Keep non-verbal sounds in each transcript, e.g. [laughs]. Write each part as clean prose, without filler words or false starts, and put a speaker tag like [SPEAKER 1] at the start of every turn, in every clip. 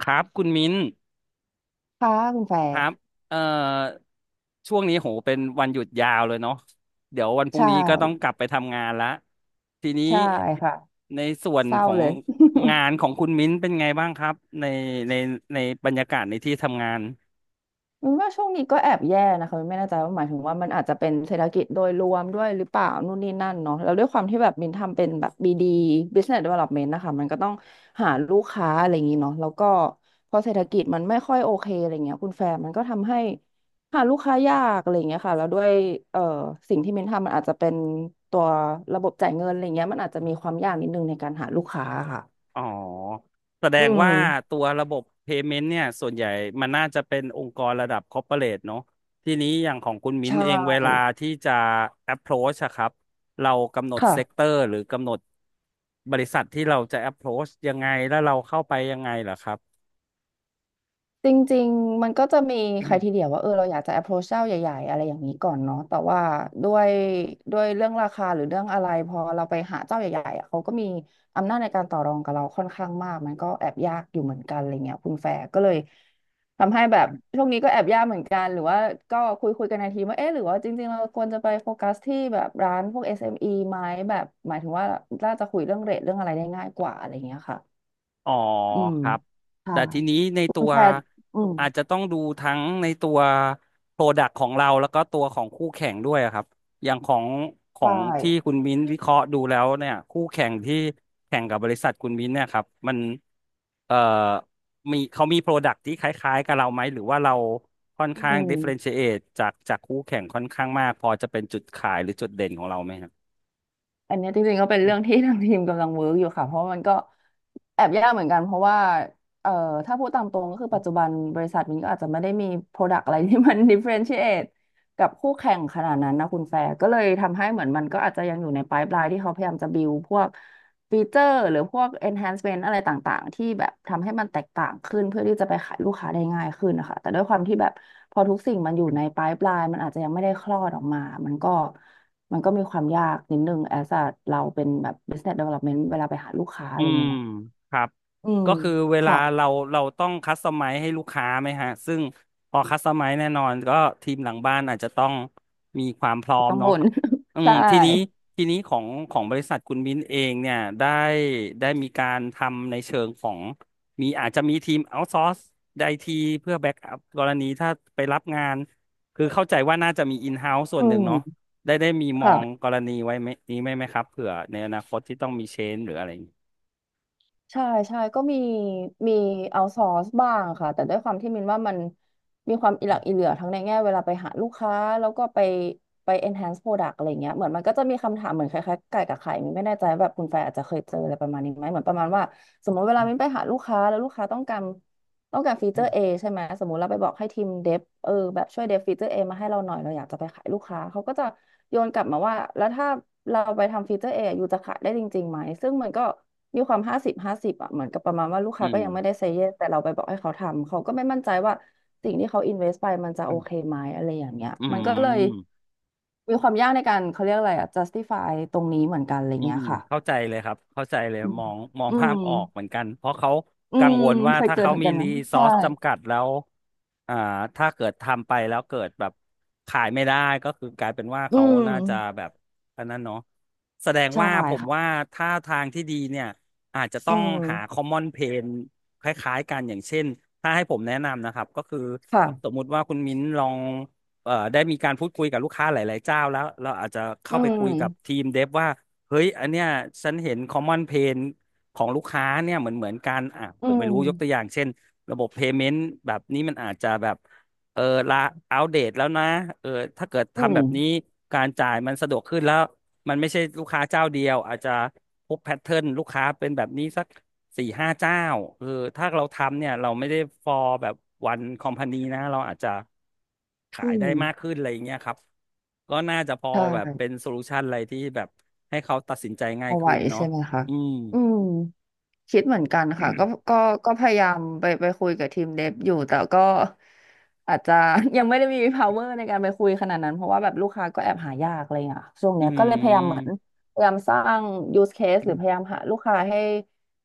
[SPEAKER 1] ครับคุณมิ้น
[SPEAKER 2] ค่ะคุณแฟ
[SPEAKER 1] ค
[SPEAKER 2] ร์
[SPEAKER 1] รับเอ่อช่วงนี้โหเป็นวันหยุดยาวเลยเนาะเดี๋ยววันพรุ่ง
[SPEAKER 2] ใช่
[SPEAKER 1] นี้ก็ต้องกลับไปทำงานละทีนี้
[SPEAKER 2] ใช่ค่ะ
[SPEAKER 1] ในส่วน
[SPEAKER 2] เศร้า
[SPEAKER 1] ของ
[SPEAKER 2] เลย
[SPEAKER 1] งานของคุณมิ้นเป็นไงบ้างครับในในในบรรยากาศในที่ทำงาน
[SPEAKER 2] [laughs] มินว่าช่วงนี้ก็แอบแย่นะคะมินไม่แน่ใจว่าหมายถึงว่ามันอาจจะเป็นเศรษฐกิจโดยรวมด้วยหรือเปล่านู่นนี่นั่นเนาะแล้วด้วยความที่แบบมินทำเป็นแบบบีดี Business Development นะคะมันก็ต้องหาลูกค้าอะไรอย่างนี้เนาะแล้วก็พอเศรษฐกิจมันไม่ค่อยโอเคอะไรเงี้ยคุณแฟร์มันก็ทำให้หาลูกค้ายากอะไรเงี้ยค่ะแล้วด้วยเอ่อสิ่งที่มินทำมันอาจจะเป็นตัวระบบจ่ายเงินอะไรเงี้ยมันอาจจะมีความยากนิดนึงในการหาลูกค้าค่ะ
[SPEAKER 1] อ๋อแสด
[SPEAKER 2] อื
[SPEAKER 1] ง
[SPEAKER 2] ม
[SPEAKER 1] ว่าตัวระบบ payment เนี่ยส่วนใหญ่มันน่าจะเป็นองค์กรระดับ corporate เรทเนอะทีนี้อย่างของคุณ
[SPEAKER 2] ใช
[SPEAKER 1] มิ้นเองเวลา
[SPEAKER 2] ่
[SPEAKER 1] ที่จะ approach อะครับเรากำหนด
[SPEAKER 2] ค่ะ
[SPEAKER 1] sector หรือกำหนดบริษัทที่เราจะ approach ยังไงแล้วเราเข้าไปยังไงเหรอครับ
[SPEAKER 2] จริงๆมันก็จะมีใครทีเดียวว่าเออเราอยากจะ approach เจ้าใหญ่ๆอะไรอย่างนี้ก่อนเนาะแต่ว่าด้วยด้วยเรื่องราคาหรือเรื่องอะไรพอเราไปหาเจ้าใหญ่ๆอะเขาก็มีอำนาจในการต่อรองกับเราค่อนข้างมากมันก็แอบยากอยู่เหมือนกันอะไรเงี้ยคุณแฟร์ก็เลยทำให้แบบช่วงนี้ก็แอบยากเหมือนกันหรือว่าก็คุยคุยกันในทีมว่าเอ๊ะหรือว่าจริงๆเราควรจะไปโฟกัสที่แบบร้านพวก SME ไหมแบบหมายถึงว่าน่าจะคุยเรื่องเรทเรื่องอะไรได้ง่ายกว่าอะไรเงี้ยค่ะ
[SPEAKER 1] อ๋อ
[SPEAKER 2] อืม
[SPEAKER 1] ครับ
[SPEAKER 2] ใช่
[SPEAKER 1] แต่ทีนี้ใน
[SPEAKER 2] คุ
[SPEAKER 1] ตั
[SPEAKER 2] ณ
[SPEAKER 1] ว
[SPEAKER 2] แฟนอืม
[SPEAKER 1] อาจจะต้องดูทั้งในตัวโปรดักต์ของเราแล้วก็ตัวของคู่แข่งด้วยอะครับอย่างของขอ
[SPEAKER 2] ใช่
[SPEAKER 1] งที่คุณมิ้นวิเคราะห์ดูแล้วเนี่ยคู่แข่งที่แข่งกับบริษัทคุณมิ้นเนี่ยครับมันเอ่อมีเขามีโปรดักต์ที่คล้ายๆกับเราไหมหรือว่าเราค่อน
[SPEAKER 2] อื
[SPEAKER 1] ข้าง
[SPEAKER 2] ม
[SPEAKER 1] differentiate จากคู่แข่งค่อนข้างมากพอจะเป็นจุดขายหรือจุดเด่นของเราไหมครับ
[SPEAKER 2] อันเนี้ยจริงๆก็เป็นเรื่องที่ [laughs] ทางทีมกำลังเวิร์กอยู่ค่ะเพราะมันก็แอบยากเหมือนกันเพราะว่าเอ่อถ้าพูดตามตรงก็คือปัจจุบันบริษัทมันก็อาจจะไม่ได้มี Product อะไรที่มัน [laughs] differentiate กับคู่แข่งขนาดนั้นนะคุณแฟร์ก็เลยทำให้เหมือนมันก็อาจจะยังอยู่ใน pipeline ที่เขาพยายามจะ build พวกฟีเจอร์หรือพวก enhancement อะไรต่างๆที่แบบทำให้มันแตกต่างขึ้นเพื่อที่จะไปขายลูกค้าได้ง่ายขึ้นนะคะแต่ด้วยความที่แบบพอทุกสิ่งมันอยู่ใน pipeline มันอาจจะยังไม่ได้คลอดออกมามันก็ มันก็มีความยากนิดนึงแอสอะเราเป็นแบบ business development เวลาไปหาลูกค้าอะ
[SPEAKER 1] อื
[SPEAKER 2] ไรอย่าง
[SPEAKER 1] ม
[SPEAKER 2] เงี้ยเนาะ
[SPEAKER 1] ครับ
[SPEAKER 2] อืม
[SPEAKER 1] ก็คือเวลา
[SPEAKER 2] ค่ะ
[SPEAKER 1] เราต้องคัสตอมไมซ์ให้ลูกค้าไหมฮะซึ่งพอคัสตอมไมซ์แน่นอนก็ทีมหลังบ้านอาจจะต้องมีความพร้อม
[SPEAKER 2] ต้อง
[SPEAKER 1] เนาะ
[SPEAKER 2] บ่น
[SPEAKER 1] อื
[SPEAKER 2] [laughs]
[SPEAKER 1] ม
[SPEAKER 2] ใช่
[SPEAKER 1] ทีนี้ของของบริษัทคุณมิ้นเองเนี่ยได้มีการทำในเชิงของมีอาจจะมีทีมเอา s o ซอร์สไอทีเพื่อแบ็กอัพกรณีถ้าไปรับงานคือเข้าใจว่าน่าจะมีอินเฮ้าส์ส่วน
[SPEAKER 2] อื
[SPEAKER 1] หนึ่งเนาะ
[SPEAKER 2] ม
[SPEAKER 1] ได้มีมองก
[SPEAKER 2] ค่ะ
[SPEAKER 1] รณีไว้ไหมนี้ไหมครับเผื่อในอนาคตที่ต้องมีเชนหรืออะไรอย่างงี้
[SPEAKER 2] ใช่ใช่ก็มีเอาซอสบ้างค่ะแต่ด้วยความที่มินว่ามันมีความอิหลักอิเหลือทั้งในแง่เวลาไปหาลูกค้าแล้วก็ไปไป enhance product อะไรเงี้ยเหมือนมันก็จะมีคำถามเหมือนคล้ายๆไก่กับไข่มินไม่แน่ใจว่าแบบคุณแฟร์อาจจะเคยเจออะไรประมาณนี้ไหมเหมือนประมาณว่าสมมติเวลามินไปหาลูกค้าแล้วลูกค้าต้องการฟีเจ
[SPEAKER 1] อื
[SPEAKER 2] อร์ A
[SPEAKER 1] ม
[SPEAKER 2] ใช่ไหมสมมติเราไปบอกให้ทีมเดฟเออแบบช่วยเดฟฟีเจอร์ A มาให้เราหน่อยเราอยากจะไปขายลูกค้าเขาก็จะโยนกลับมาว่าแล้วถ้าเราไปทำฟีเจอร์ A ออยู่จะขายได้จริงๆไหมซึ่งมันก็ มีความห้าสิบห้าสิบอะเหมือนกับประมาณว่าลูกค้า
[SPEAKER 1] อื
[SPEAKER 2] ก็
[SPEAKER 1] ม
[SPEAKER 2] ยังไม่ได้เซย์เยสแต่เราไปบอกให้เขาทำเขาก็ไม่มั่นใจว่าสิ่งที่เขาอินเวสไปมันจะโอเคไหมอะไรอย่างเงี้ย
[SPEAKER 1] อื
[SPEAKER 2] มันก็เลย
[SPEAKER 1] ม
[SPEAKER 2] มีความยากในการเขาเรียกอะไรอ่ะ justify ตรงนี้เหมือนกันอะไร
[SPEAKER 1] อื
[SPEAKER 2] เงี้
[SPEAKER 1] ม
[SPEAKER 2] ยค่ะ
[SPEAKER 1] เข้าใจเลยครับเข้าใจเลย
[SPEAKER 2] อืม
[SPEAKER 1] มอง
[SPEAKER 2] อื
[SPEAKER 1] ภา
[SPEAKER 2] ม
[SPEAKER 1] พออกเหมือนกันเพราะเขา
[SPEAKER 2] อื
[SPEAKER 1] กัง
[SPEAKER 2] ม
[SPEAKER 1] วลว่า
[SPEAKER 2] เคย
[SPEAKER 1] ถ้า
[SPEAKER 2] เกิด
[SPEAKER 1] เขา
[SPEAKER 2] เหตุ
[SPEAKER 1] มี
[SPEAKER 2] การณ์
[SPEAKER 1] รี
[SPEAKER 2] นั้น
[SPEAKER 1] ซอ
[SPEAKER 2] ใช่
[SPEAKER 1] สจำกัดแล้วอ่าถ้าเกิดทำไปแล้วเกิดแบบขายไม่ได้ก็คือกลายเป็นว่า
[SPEAKER 2] อื
[SPEAKER 1] เขาน่าจะ
[SPEAKER 2] ม
[SPEAKER 1] แบบอันนั้นเนาะแสดง
[SPEAKER 2] ใช่
[SPEAKER 1] ว่าผม
[SPEAKER 2] ค่ะ
[SPEAKER 1] ว่าถ้าทางที่ดีเนี่ยอาจจะต้
[SPEAKER 2] อื
[SPEAKER 1] องหาค
[SPEAKER 2] ม
[SPEAKER 1] อมมอนเพนคล้ายๆกันอย่างเช่นถ้าให้ผมแนะนำนะครับก็คือสม
[SPEAKER 2] ค่ะ
[SPEAKER 1] มุติว่าคุณมิ้นลองได้มีการพูดคุยกับลูกค้าหลายๆเจ้าแล้วเราอาจจะ
[SPEAKER 2] อื
[SPEAKER 1] เข้าไปคุยกับที
[SPEAKER 2] ม
[SPEAKER 1] มเดฟว่า เฮ้ย อันเนี้ยฉันเห็น common pain ของลูกค้าเนี่ยเหมือนกันอ่ะผ
[SPEAKER 2] อื
[SPEAKER 1] มไม่
[SPEAKER 2] ม
[SPEAKER 1] รู้ยกตัวอย่างเช่นระบบ payment แบบนี้มันอาจจะแบบเอละอัปเดตแล้วนะเออถ้าเกิด
[SPEAKER 2] อื
[SPEAKER 1] ทำแบบนี้
[SPEAKER 2] ม
[SPEAKER 1] การจ่ายมันสะดวกขึ้นแล้วมันไม่ใช่ลูกค้าเจ้าเดียวอาจจะพบแพทเทิร์นลูกค้าเป็นแบบนี้สัก สี่ห้าเจ้าเออถ้าเราทำเนี่ยเราไม่ได้ฟอร์แบบวันคอมพานีนะเราอาจจะขา
[SPEAKER 2] อื
[SPEAKER 1] ย
[SPEAKER 2] ม
[SPEAKER 1] ได้มากขึ้นอะไรอย่างเงี้ยครับก็น่าจะพอ
[SPEAKER 2] ใช่
[SPEAKER 1] แบบเป็นโซลูชันอะไรที่แบบให้เขาตัดสินใจง่าย
[SPEAKER 2] เอาไหว
[SPEAKER 1] ขึ้นเนาะ
[SPEAKER 2] ใช่ไหมคะ
[SPEAKER 1] อืม
[SPEAKER 2] อืม คิดเหมือนกันค่ะก็ก็พยายามไปคุยกับทีมเดฟอยู่แต่ก็อาจจะ [laughs] ยังไม่ได้มี power ในการไปคุยขนาดนั้นเพราะว่าแบบลูกค้าก็แอบหายากอะไรอย่างเงี้ยช่วงเนี้
[SPEAKER 1] อื
[SPEAKER 2] ยก็เลยพยายามเหมือนพยายามสร้าง use case หรือพยายามหาลูกค้าให้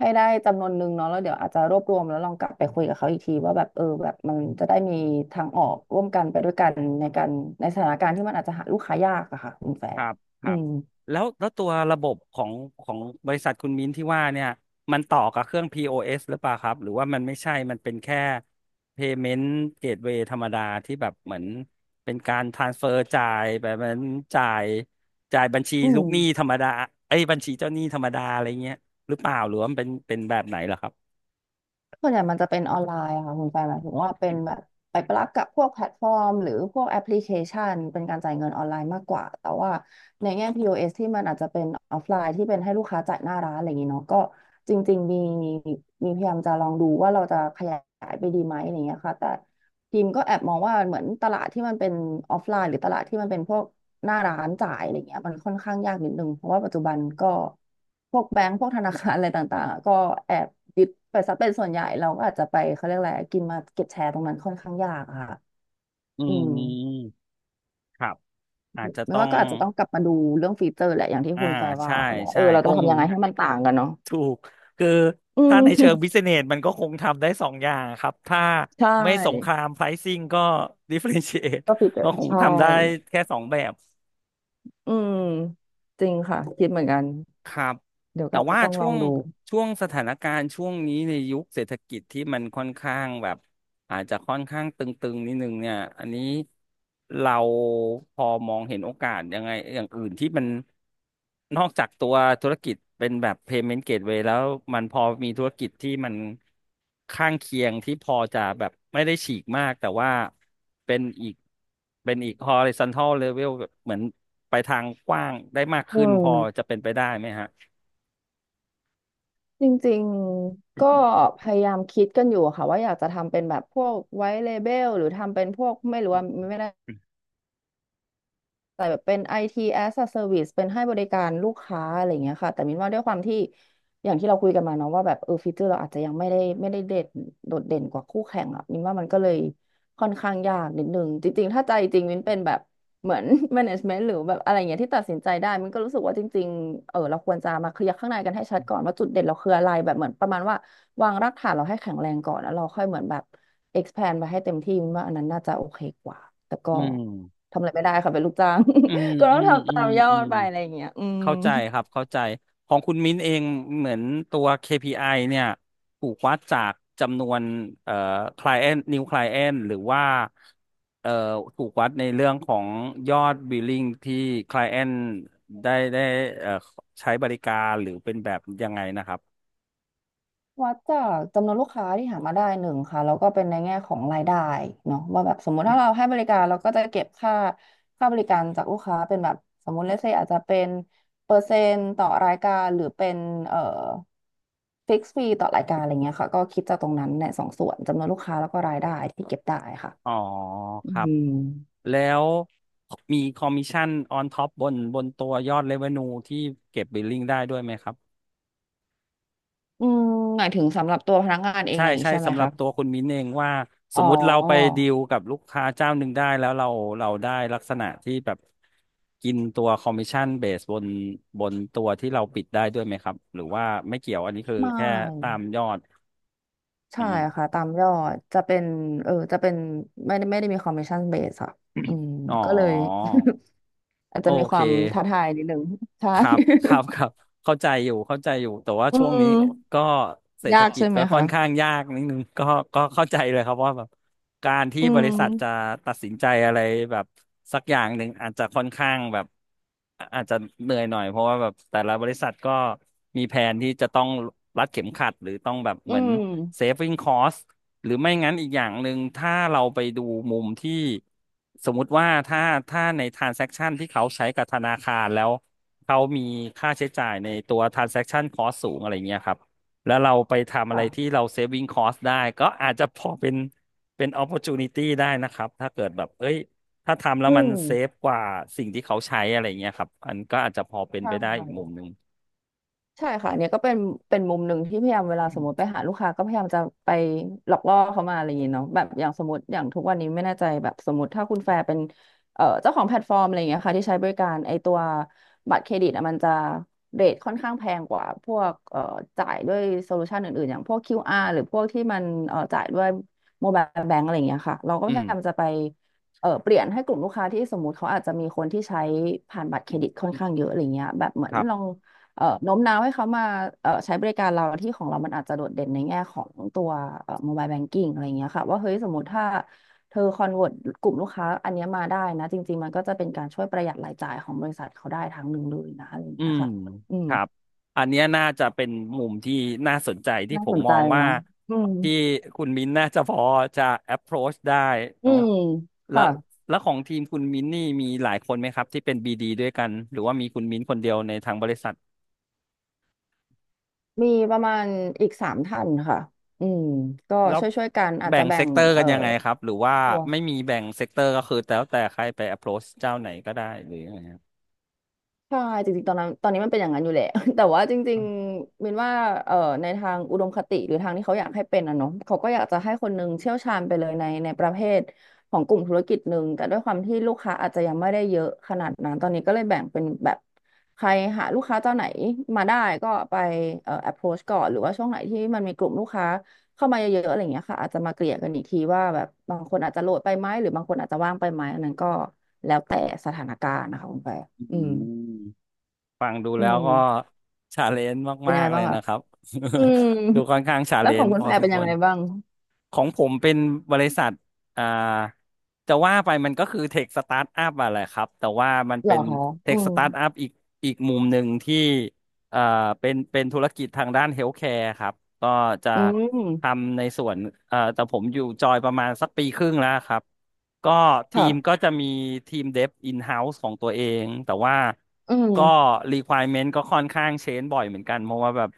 [SPEAKER 2] ได้จำนวนหนึ่งเนาะแล้วเดี๋ยวอาจจะรวบรวมแล้วลองกลับไปคุยกับเขาอีกทีว่าแบบเออแบบมันจะได้มีทางออก
[SPEAKER 1] ม
[SPEAKER 2] ร่วมกันไปด้วยกันในการในสถานการณ์ที่มันอาจจะหาลูกค้ายากอะค่ะคุณแฟ
[SPEAKER 1] ค
[SPEAKER 2] ร์
[SPEAKER 1] รับค
[SPEAKER 2] อื
[SPEAKER 1] รับ
[SPEAKER 2] ม
[SPEAKER 1] แล้วตัวระบบของของบริษัทคุณมิ้นที่ว่าเนี่ยมันต่อกับเครื่อง POS หรือเปล่าครับหรือว่ามันไม่ใช่มันเป็นแค่ Payment Gateway ธรรมดาที่แบบเหมือนเป็นการ transfer จ่ายแบบเหมือนจ่ายจ่ายบัญชี
[SPEAKER 2] อื
[SPEAKER 1] ลูก
[SPEAKER 2] ม
[SPEAKER 1] หนี้ธรรมดาเอ้ยบัญชีเจ้าหนี้ธรรมดาอะไรเงี้ยหรือเปล่าหรือว่ามันเป็นแบบไหนเหรอครับ
[SPEAKER 2] ส่วนใหญ่มันจะเป็นออนไลน์อะค่ะคุณแฟนหมายถึงว่าเป็นแบบไปปลักกับพวกแพลตฟอร์มหรือพวกแอปพลิเคชันเป็นการจ่ายเงินออนไลน์มากกว่าแต่ว่าในแง่ POS ที่มันอาจจะเป็นออฟไลน์ที่เป็นให้ลูกค้าจ่ายหน้าร้านอะไรอย่างนี้เนาะก็จริงๆมีพยายามจะลองดูว่าเราจะขยายไปดีไหมอะไรอย่างเงี้ยค่ะแต่ พิมก็แอบมองว่าเหมือนตลาดที่มันเป็นออฟไลน์หรือตลาดที่มันเป็นพวกหน้าร้านจ่ายอะไรเงี้ยมันค่อนข้างยากนิดนึงเพราะว่าปัจจุบันก็พวกแบงก์พวกธนาคารอะไรต่างๆอะก็แอบยึดไปซะเป็นส่วนใหญ่เราก็อาจจะไปเขาเรียกอะไรกินมาเก็ตแชร์ตรงนั้นค่อนข้างยากอะค่ะ
[SPEAKER 1] อื
[SPEAKER 2] อืม
[SPEAKER 1] มครับอาจจะ
[SPEAKER 2] ไม่
[SPEAKER 1] ต้อ
[SPEAKER 2] ว่า
[SPEAKER 1] ง
[SPEAKER 2] ก็อาจจะต้องกลับมาดูเรื่องฟีเจอร์แหละอย่างที่
[SPEAKER 1] อ่า
[SPEAKER 2] คุณแฟร์ว่า
[SPEAKER 1] ใช่
[SPEAKER 2] ว่าเอ
[SPEAKER 1] ใช่
[SPEAKER 2] อเรา
[SPEAKER 1] ค
[SPEAKER 2] จะ
[SPEAKER 1] ง
[SPEAKER 2] ทำยังไงให้มันต่างกันเนาะ
[SPEAKER 1] ถูกคือ
[SPEAKER 2] [laughs] อื
[SPEAKER 1] ถ้า
[SPEAKER 2] ม
[SPEAKER 1] ในเชิงบิสเนสมันก็คงทำได้สองอย่างครับถ้า
[SPEAKER 2] [laughs] ใช
[SPEAKER 1] ไม่สงค
[SPEAKER 2] ่
[SPEAKER 1] รามไ r i ซิ n งก็ดิเฟ r เ n นช a t e
[SPEAKER 2] ก็ฟีเจ
[SPEAKER 1] [laughs]
[SPEAKER 2] อ
[SPEAKER 1] ก็
[SPEAKER 2] ร์
[SPEAKER 1] คง
[SPEAKER 2] ใช่
[SPEAKER 1] ทำได้แค่สองแบบ
[SPEAKER 2] อืมจริงค่ะคิดเหมือนกัน
[SPEAKER 1] ครับ
[SPEAKER 2] เดี๋ยว
[SPEAKER 1] แต่
[SPEAKER 2] ก็อาจจะ
[SPEAKER 1] ว่า
[SPEAKER 2] ต้องล
[SPEAKER 1] ช่
[SPEAKER 2] อ
[SPEAKER 1] ว
[SPEAKER 2] ง
[SPEAKER 1] ง
[SPEAKER 2] ดู
[SPEAKER 1] ช่วงสถานการณ์ช่วงนี้ในยุคเศรษฐกิจที่มันค่อนข้างแบบ อาจจะค่อนข้างตึงๆนิดนึงเนี่ย อันนี้เราพอมองเห็นโอกาสยังไงอย่างอื่นที่มันนอกจากตัวธุรกิจเป็นแบบ payment gateway แล้วมันพอมีธุรกิจที่มันข้างเคียงที่พอจะแบบไม่ได้ฉีกมากแต่ว่าเป็นอีกhorizontal level แบบเหมือนไปทางกว้างได้มาก
[SPEAKER 2] อื
[SPEAKER 1] ขึ้นพอ
[SPEAKER 2] ม
[SPEAKER 1] จะเป็นไปได้ไหมฮะ
[SPEAKER 2] จริงๆ ก็พยายามคิดกันอยู่ค่ะว่าอยากจะทำเป็นแบบพวกไวท์เลเบลหรือทำเป็นพวกไม่รู้ว่าไม่แน่ แต่แบบเป็น IT as a service เป็นให้บริการลูกค้าอะไรอย่างเงี้ยค่ะแต่มินว่าด้วยความที่อย่างที่เราคุยกันมาเนาะว่าแบบเออฟีเจอร์เราอาจจะยังไม่ได้เด่นโดดเด่นกว่าคู่แข่งอ่ะมินว่ามันก็เลยค่อนข้างยากนิดนึงจริงๆถ้าใจจริงมินเป็นแบบเหมือน [laughs] management หรือแบบอะไรอย่างเงี้ยที่ตัดสินใจได้มินก็รู้สึกว่าจริงๆเออเราควรจะมาเคลียร์ข้างในกันให้ชัดก่อนว่าจุดเด่นเราคืออะไรแบบเหมือนประมาณว่าวางรากฐานเราให้แข็งแรงก่อนแล้วเราค่อยเหมือนแบบ expand ไปให้เต็มที่มินว่าอันนั้นน่าจะโอเคกว่าแต่ก็
[SPEAKER 1] อืม
[SPEAKER 2] ทำอะไรไม่ได้ค่ะเป็นลูกจ้าง
[SPEAKER 1] อืม
[SPEAKER 2] [laughs] ก็ต้
[SPEAKER 1] อื
[SPEAKER 2] อง
[SPEAKER 1] ม
[SPEAKER 2] ทำ
[SPEAKER 1] อื
[SPEAKER 2] ตา
[SPEAKER 1] ม
[SPEAKER 2] มยอ
[SPEAKER 1] อื
[SPEAKER 2] ด
[SPEAKER 1] ม
[SPEAKER 2] ไปอะไรอย่างเงี้ยอืม
[SPEAKER 1] เข้าใจครับเข้าใจของคุณมิ้นเองเหมือนตัว KPI เนี่ยถูกวัดจากจำนวนเอ่อ client new client หรือว่าเอ่อถูกวัดในเรื่องของยอด billing ที่ client ได้เอ่อใช้บริการหรือเป็นแบบยังไงนะครับ
[SPEAKER 2] วัดจากจำนวนลูกค้าที่หามาได้หนึ่งค่ะแล้วก็เป็นในแง่ของรายได้เนาะว่าแบบสมมุติถ้าเราให้บริการเราก็จะเก็บค่าบริการจากลูกค้าเป็นแบบสมมุติเลเซอาจจะเป็นเปอร์เซ็นต์ต่อรายการหรือเป็นเอ่อฟิกซ์ฟรีต่อรายการอะไรเงี้ยค่ะก็คิดจากตรงนั้นในสองส่วนจำนวนลูกค้าแล้วก็รายได้ที่เก็บได้ค่ะ
[SPEAKER 1] อ๋อ
[SPEAKER 2] อื
[SPEAKER 1] ครับ
[SPEAKER 2] ม
[SPEAKER 1] แล้วมีคอมมิชชั่น on top บนตัวยอด revenue ที่เก็บ billing ได้ด้วยไหมครับ
[SPEAKER 2] อืมหมายถึงสำหรับตัวพนักงานเองอะ
[SPEAKER 1] ใช่
[SPEAKER 2] ไรอย่างงี้
[SPEAKER 1] ใช่
[SPEAKER 2] ใช่ไหม
[SPEAKER 1] สำหรับ
[SPEAKER 2] คะ
[SPEAKER 1] ตัวคุณมิ้นเองว่าส
[SPEAKER 2] อ๋อ
[SPEAKER 1] มมุติเราไปดีลกับลูกค้าเจ้าหนึ่งได้แล้วเราได้ลักษณะที่แบบกินตัวคอมมิชชั่นเบสบนตัวที่เราปิดได้ด้วยไหมครับหรือว่าไม่เกี่ยวอันนี้คือ
[SPEAKER 2] ไม
[SPEAKER 1] แค่ตาม
[SPEAKER 2] ่
[SPEAKER 1] ยอดอื
[SPEAKER 2] ใช่
[SPEAKER 1] ม
[SPEAKER 2] ค่ะตามยอดจะเป็นเออจะเป็นไม่ได้มีคอมมิชชั่นเบสอะอืม
[SPEAKER 1] อ๋อ
[SPEAKER 2] ก็เลย [laughs] อาจ
[SPEAKER 1] โอ
[SPEAKER 2] จะมีค
[SPEAKER 1] เค
[SPEAKER 2] วามท้าทายนิดนึงใช่
[SPEAKER 1] ครับเข้าใจอยู่เข้าใจอยู่แต่ว่า
[SPEAKER 2] [laughs] อื
[SPEAKER 1] ช่วงนี้
[SPEAKER 2] ม
[SPEAKER 1] ก็เศร
[SPEAKER 2] [laughs]
[SPEAKER 1] ษฐ
[SPEAKER 2] ยาก
[SPEAKER 1] กิ
[SPEAKER 2] ใช่
[SPEAKER 1] จ
[SPEAKER 2] ไหม
[SPEAKER 1] ก็ค่อ
[SPEAKER 2] คะ
[SPEAKER 1] นข้างยากนิดนึง [laughs] ก็ก็เข้าใจเลยครับว่าแบบการที่
[SPEAKER 2] อื
[SPEAKER 1] บริษัทจะ
[SPEAKER 2] ม
[SPEAKER 1] ตัดสินใจอะไรแบบสักอย่างหนึ่งอาจจะค่อนข้างแบบอาจจะเหนื่อยหน่อยเพราะว่าแบบแต่ละบริษัทก็มีแผนที่จะต้องรัดเข็มขัดหรือต้องแบบ
[SPEAKER 2] อื
[SPEAKER 1] เหมือน
[SPEAKER 2] ม
[SPEAKER 1] saving cost หรือไม่งั้นอีกอย่างหนึ่งถ้าเราไปดูมุมที่สมมุติว่าถ้าใน transaction ที่เขาใช้กับธนาคารแล้วเขามีค่าใช้จ่ายในตัว transaction cost สูงอะไรเงี้ยครับแล้วเราไปทำอะไรที่
[SPEAKER 2] ค่ะ
[SPEAKER 1] เรา saving cost ได้ก็อาจจะพอเป็น opportunity ได้นะครับถ้าเกิดแบบเอ้ยถ้าทำแล้
[SPEAKER 2] อื
[SPEAKER 1] วมัน
[SPEAKER 2] ม
[SPEAKER 1] เซฟกว่าสิ่งที่เขาใช้อะไรเงี้ยครับอันก็อาจจะพอเป็น
[SPEAKER 2] ใช่
[SPEAKER 1] ไปได้อีกมุมหนึ่ง
[SPEAKER 2] ใช่ค่ะเนี่ยก็เป็นมุมหนึ่งที่พยายามเวลาสมมติไปหาลูกค้าก็พยายามจะไปหลอกล่อเขามาอะไรอย่างเงี้ยเนาะแบบอย่างสมมติอย่างทุกวันนี้ไม่แน่ใจแบบสมมติถ้าคุณแฟร์เป็นเจ้าของแพลตฟอร์มอะไรอย่างเงี้ยค่ะที่ใช้บริการไอตัวบัตรเครดิตอะมันจะเรทค่อนข้างแพงกว่าพวกจ่ายด้วยโซลูชันอื่นๆอย่างพวก QR หรือพวกที่มันจ่ายด้วยโมบายแบงก์อะไรอย่างเงี้ยค่ะเราก็
[SPEAKER 1] อื
[SPEAKER 2] พ
[SPEAKER 1] ม
[SPEAKER 2] ยายามจะไปเออเปลี่ยนให้กลุ่มลูกค้าที่สมมติเขาอาจจะมีคนที่ใช้ผ่านบัตรเครดิตค่อนข้างเยอะอะไรเงี้ยแบบเหมือ
[SPEAKER 1] ค
[SPEAKER 2] น
[SPEAKER 1] รั
[SPEAKER 2] ลอ
[SPEAKER 1] บ
[SPEAKER 2] ง โน้มน้าวให้เขามาใช้บริการเราที่ของเรามันอาจจะโดดเด่นในแง่ของตัวmobile banking อะไรอย่างเงี้ยค่ะว่าเฮ้ยสมมติถ้าเธอคอนเวิร์ตกลุ่มลูกค้าอันเนี้ยมาได้นะจริงๆมันก็จะเป็นการช่วยประหยัดรายจ่ายของบริษัทเขาได้ทางหนึ่งเลยนะอะไรอย่าง
[SPEAKER 1] อื
[SPEAKER 2] เงี้ย
[SPEAKER 1] ม
[SPEAKER 2] ค่ะอื
[SPEAKER 1] ค
[SPEAKER 2] ม
[SPEAKER 1] รับอันเนี้ยน่าจะเป็นมุมที่น่าสนใจที่
[SPEAKER 2] น่า
[SPEAKER 1] ผ
[SPEAKER 2] ส
[SPEAKER 1] ม
[SPEAKER 2] น
[SPEAKER 1] ม
[SPEAKER 2] ใจ
[SPEAKER 1] องว่า
[SPEAKER 2] เนาะอืม
[SPEAKER 1] ที่คุณมิ้นน่าจะพอจะ approach ได้
[SPEAKER 2] อื
[SPEAKER 1] เนาะ
[SPEAKER 2] ม
[SPEAKER 1] แล้
[SPEAKER 2] ค่ะ
[SPEAKER 1] วแล้วของทีมคุณมิ้นนี่มีหลายคนไหมครับที่เป็น BD ดด้วยกันหรือว่ามีคุณมิ้นคนเดียวในทางบริษัท
[SPEAKER 2] มีประมาณอีก3 ท่านค่ะอืมก็
[SPEAKER 1] แล้ว
[SPEAKER 2] ช่วยๆกันอาจ
[SPEAKER 1] แบ่
[SPEAKER 2] จะ
[SPEAKER 1] ง
[SPEAKER 2] แบ่
[SPEAKER 1] เซก
[SPEAKER 2] ง
[SPEAKER 1] เตอร์กันยังไงครับหรือว่าไม่มีแบ่งเซกเตอร์ก็คือแล้วแต่ใครไป approach เจ้าไหนก็ได้หรือยังไงครับ
[SPEAKER 2] ใช่จริงๆตอนนั้นตอนนี้มันเป็นอย่างนั้นอยู่แหละ [laughs] แต่ว่าจริงๆมินว่าเอ่อในทางอุดมคติหรือทางที่เขาอยากให้เป็นอะเนาะเขาก็อยากจะให้คนหนึงเชี่ยวชาญไปเลยในประเภทของกลุ่มธุรกิจหนึ่งแต่ด้วยความที่ลูกค้าอาจจะยังไม่ได้เยอะขนาดนั้นตอนนี้ก็เลยแบ่งเป็นแบบใครหาลูกค้าเจ้าไหนมาได้ก็ไปapproach ก่อนหรือว่าช่วงไหนที่มันมีกลุ่มลูกค้าเข้ามาเยอะๆอะไรอย่างเงี้ยค่ะอาจจะมาเกลี่ยกันอีกทีว่าแบบบางคนอาจจะโหลดไปไหมหรือบางคนอาจจะว่างไปไหมอันนั้นก็แล้วแต่สถานการณ์นะคะคุณแป
[SPEAKER 1] อื
[SPEAKER 2] อืม
[SPEAKER 1] ม ฟังดู
[SPEAKER 2] อื
[SPEAKER 1] แล้วก็
[SPEAKER 2] ม
[SPEAKER 1] ชาเลนจ์
[SPEAKER 2] เป็น
[SPEAKER 1] มา
[SPEAKER 2] ยัง
[SPEAKER 1] ก
[SPEAKER 2] ไง
[SPEAKER 1] ๆเล
[SPEAKER 2] บ้าง
[SPEAKER 1] ย
[SPEAKER 2] คะ
[SPEAKER 1] นะครับ
[SPEAKER 2] อืม
[SPEAKER 1] [laughs] ดูค่อนข้างชา
[SPEAKER 2] แล้
[SPEAKER 1] เล
[SPEAKER 2] วขอ
[SPEAKER 1] น
[SPEAKER 2] ง
[SPEAKER 1] จ์
[SPEAKER 2] คุณ
[SPEAKER 1] พอ
[SPEAKER 2] แฟน
[SPEAKER 1] สม
[SPEAKER 2] เป็น
[SPEAKER 1] ค
[SPEAKER 2] ยั
[SPEAKER 1] ว
[SPEAKER 2] ง
[SPEAKER 1] ร
[SPEAKER 2] ไงบ้าง
[SPEAKER 1] ของผมเป็นบริษัทอ่าจะว่าไปมันก็คือเทคสตาร์ทอัพอะแหละครับ แต่ว่ามัน
[SPEAKER 2] เหร
[SPEAKER 1] เป็
[SPEAKER 2] อ
[SPEAKER 1] น
[SPEAKER 2] คะ
[SPEAKER 1] เท
[SPEAKER 2] อื
[SPEAKER 1] คส
[SPEAKER 2] ม
[SPEAKER 1] ตาร์ทอัพอีกมุมหนึ่งที่ เอ่อเป็นธุรกิจทางด้านเฮลท์แคร์ครับก็จะ
[SPEAKER 2] อืม
[SPEAKER 1] ทำในส่วนแต่ผมอยู่จอยประมาณสักปีครึ่งแล้วครับก็ที
[SPEAKER 2] ค่ะ
[SPEAKER 1] มก็จะมีทีมเดฟอินเฮาส์ของตัวเองแต่ว่า
[SPEAKER 2] อืม
[SPEAKER 1] ก็ requirement ก็ค่อนข้างเชนบ่อยเหมือนกันเพราะว่าแบบ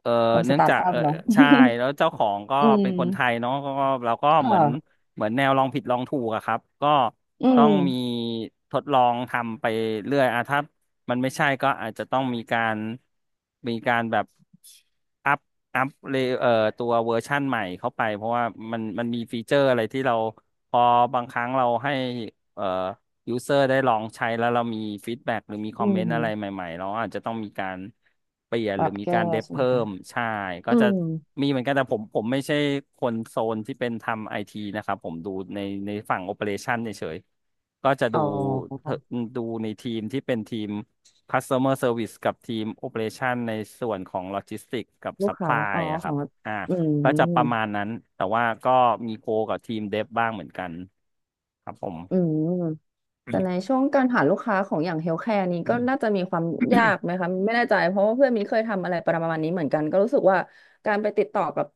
[SPEAKER 1] เออ
[SPEAKER 2] ความส
[SPEAKER 1] เนื่อง
[SPEAKER 2] ตาร์ท
[SPEAKER 1] จาก
[SPEAKER 2] อัพเนาะ
[SPEAKER 1] ใช่แล้วเจ้าของก็
[SPEAKER 2] [laughs] อื
[SPEAKER 1] เป็นคนไทย
[SPEAKER 2] ม
[SPEAKER 1] เนาะก็เราก็
[SPEAKER 2] ค
[SPEAKER 1] เหมือน
[SPEAKER 2] ่ะ
[SPEAKER 1] เหมือนแนวลองผิดลองถูกอะครับก็
[SPEAKER 2] อื
[SPEAKER 1] ต้
[SPEAKER 2] ม
[SPEAKER 1] องมีทดลองทำไปเรื่อยอะถ้า มันไม่ใช่ก็อาจจะต้องมีการแบบอัพอัพเลเอ่อตัวเวอร์ชั่นใหม่เข้าไปเพราะว่ามันมีฟีเจอร์อะไรที่เราพอบางครั้งเราให้เอ่อยูเซอร์ได้ลองใช้แล้วเรามีฟีดแบ็กหรือมีคอ
[SPEAKER 2] อื
[SPEAKER 1] มเมนต์อะไร
[SPEAKER 2] ม
[SPEAKER 1] ใหม่ๆเราอาจจะต้องมีการเปลี่ยน
[SPEAKER 2] ป
[SPEAKER 1] ห
[SPEAKER 2] รั
[SPEAKER 1] รือ
[SPEAKER 2] บ
[SPEAKER 1] มี
[SPEAKER 2] แก้
[SPEAKER 1] การเดบ
[SPEAKER 2] ใช่ไหม
[SPEAKER 1] เพิ่
[SPEAKER 2] คะ
[SPEAKER 1] มใช่ก็
[SPEAKER 2] อื
[SPEAKER 1] จะ
[SPEAKER 2] ม
[SPEAKER 1] มีเหมือนกันแต่ผมไม่ใช่คนโซนที่เป็นทำไอทีนะครับผมดูในในฝั่งโอเปอเรชันเฉยๆก็จะ
[SPEAKER 2] อ๋
[SPEAKER 1] ดู
[SPEAKER 2] อ
[SPEAKER 1] เอ่อดูในทีมที่เป็นทีม customer service กับทีม operation ในส่วนของ logistics กับ
[SPEAKER 2] ลูกค้า
[SPEAKER 1] supply
[SPEAKER 2] อ๋อ
[SPEAKER 1] อะค
[SPEAKER 2] ขอ
[SPEAKER 1] รับ
[SPEAKER 2] ง
[SPEAKER 1] อ่า
[SPEAKER 2] อื
[SPEAKER 1] ก็จะประ
[SPEAKER 2] ม
[SPEAKER 1] มาณนั้น แต่ว่าก็มีโคกับทีม dev บ้างเหมือนกันครับผม
[SPEAKER 2] อืม แต่ในช่วงการหาลูกค้าของอย่างเฮลท์แคร์นี้ก็น่าจะมีความยากไหมคะไม่แน่ใจเพราะว่าเพื่อนมินเคยทำอะไรประมาณนี้เหมือนกันก็รู้สึกว่าการไปติดต่อกับ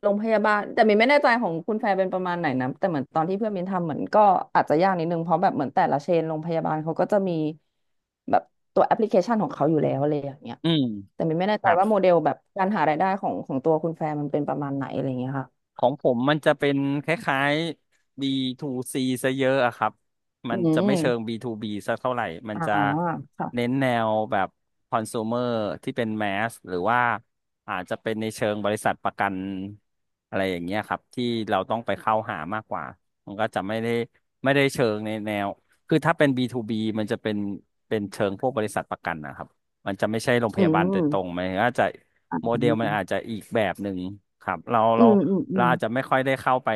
[SPEAKER 2] โรงพยาบาลแต่มินไม่แน่ใจของคุณแฟร์เป็นประมาณไหนนะแต่เหมือนตอนที่เพื่อนมินทำเหมือนก็อาจจะยากนิดนึงเพราะแบบเหมือนแต่ละเชนโรงพยาบาลเขาก็จะมีแบบตัวแอปพลิเคชันของเขาอยู่แล้วอะไรอย่างเงี้ย
[SPEAKER 1] อืม
[SPEAKER 2] แต่มินไม่แน่
[SPEAKER 1] ค
[SPEAKER 2] ใจ
[SPEAKER 1] รับ
[SPEAKER 2] ว่าโมเดลแบบการหารายได้ของตัวคุณแฟร์มันเป็นประมาณไหนอะไรอย่างเงี้ยค่ะ
[SPEAKER 1] ของผมมันจะเป็นคล้ายๆ B2C ซซะเยอะอะครับ มั
[SPEAKER 2] อื
[SPEAKER 1] นจะไม่เชิง
[SPEAKER 2] ม
[SPEAKER 1] B2B สักเท่าไหร่มัน
[SPEAKER 2] อ่า
[SPEAKER 1] จะเน้
[SPEAKER 2] ค่ะ
[SPEAKER 1] นแนวแบบคอน sumer ที่เป็นแมสหรือว่าอาจจะเป็นในเชิงบริษัทประกันอะไรอย่างเงี้ยครับที่เราต้องไปเข้าหามากกว่ามันก็จะไม่ได้เชิงในแนว คือถ้าเป็น B2B มันจะเป็นเป็นเชิงพวกบริษัทประกันนะครับ มันจะไม่ใช่โรงพ
[SPEAKER 2] อื
[SPEAKER 1] ยา
[SPEAKER 2] ม
[SPEAKER 1] บาล
[SPEAKER 2] อื
[SPEAKER 1] โดย
[SPEAKER 2] ม
[SPEAKER 1] ตรงมันอาจจะโมเดลมันอาจจะอีกแบบหนึ่งครับเรา
[SPEAKER 2] อื
[SPEAKER 1] เรา
[SPEAKER 2] มอื
[SPEAKER 1] เรา
[SPEAKER 2] ม
[SPEAKER 1] อาจจะไม่ค่อยได้เข้าไป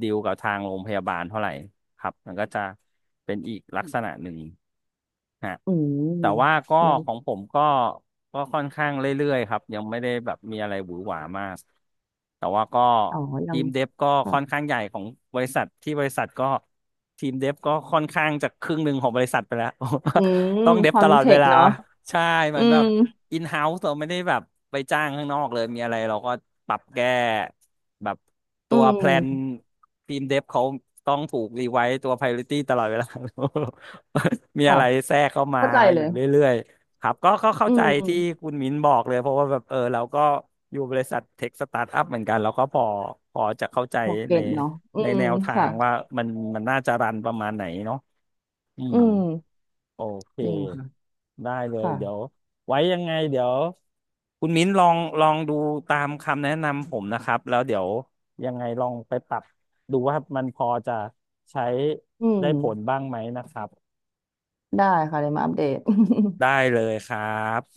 [SPEAKER 1] ดีลกับทางโรงพยาบาลเท่าไหร่ครับมันก็จะเป็นอีกลักษณะหนึ่งฮะ
[SPEAKER 2] อืม
[SPEAKER 1] แต่ว่าก็
[SPEAKER 2] แล้ว
[SPEAKER 1] ของผมก็ค่อนข้างเรื่อยๆครับยังไม่ได้แบบมีอะไรหวือหวามากแต่ว่าก็
[SPEAKER 2] อ๋อยั
[SPEAKER 1] ที
[SPEAKER 2] ง
[SPEAKER 1] มเดฟก็
[SPEAKER 2] ค่ะ
[SPEAKER 1] ค่อนข้างใหญ่ของบริษัทที่บริษัทก็ทีมเดฟก็ค่อนข้างจะครึ่งหนึ่งของบริษัทไปแล้ว
[SPEAKER 2] อืม
[SPEAKER 1] ต้องเด็
[SPEAKER 2] ค
[SPEAKER 1] บ
[SPEAKER 2] อ
[SPEAKER 1] ต
[SPEAKER 2] น
[SPEAKER 1] ลอด
[SPEAKER 2] เท
[SPEAKER 1] เว
[SPEAKER 2] กต์
[SPEAKER 1] ลา
[SPEAKER 2] เนาะ
[SPEAKER 1] ใช่เห
[SPEAKER 2] อื
[SPEAKER 1] มือนแบ
[SPEAKER 2] ม
[SPEAKER 1] บอินเฮ้าส์เราไม่ได้แบบไปจ้างข้างนอกเลยมีอะไรเราก็ปรับแก้แบบ
[SPEAKER 2] อื
[SPEAKER 1] ตัวแพลน
[SPEAKER 2] ม
[SPEAKER 1] ทีมเดฟเขาต้องถูกรีไวซ์ตัว priority ตลอดเวลา [laughs] มีอะ
[SPEAKER 2] ค่ะ
[SPEAKER 1] ไรแทรกเข้ามา
[SPEAKER 2] เข้าใจ
[SPEAKER 1] อ
[SPEAKER 2] เล
[SPEAKER 1] ยู่
[SPEAKER 2] ย
[SPEAKER 1] เรื่อยๆครับก็เข้า
[SPEAKER 2] อื
[SPEAKER 1] ใจที่
[SPEAKER 2] ม
[SPEAKER 1] คุณมิ้นบอกเลยเพราะว่าแบบเออเราก็อยู่บริษัทเทคสตาร์ทอัพเหมือนกันเราก็พอจะเข้าใจ
[SPEAKER 2] พอเก็
[SPEAKER 1] ใน
[SPEAKER 2] ตเนาะอื
[SPEAKER 1] ใน
[SPEAKER 2] ม
[SPEAKER 1] แนวทา
[SPEAKER 2] ค่ะ
[SPEAKER 1] งว่ามันมันน่าจะรันประมาณไหนเนาะอื
[SPEAKER 2] อื
[SPEAKER 1] ม
[SPEAKER 2] ม
[SPEAKER 1] โอเค
[SPEAKER 2] จริงค่ะ
[SPEAKER 1] ได้เลย
[SPEAKER 2] ค่ะ
[SPEAKER 1] เดี๋ยวไว้ยังไงเดี๋ยวคุณมิ้นลองดูตามคำแนะนำผมนะครับแล้วเดี๋ยวยังไงลองไปปรับดูว่ามันพอจะใช้
[SPEAKER 2] อื
[SPEAKER 1] ได้ผล
[SPEAKER 2] ม
[SPEAKER 1] บ้างไหมนะครับ
[SPEAKER 2] ได้ค่ะเดี๋ยวมาอัปเดต
[SPEAKER 1] ได้เลยครับ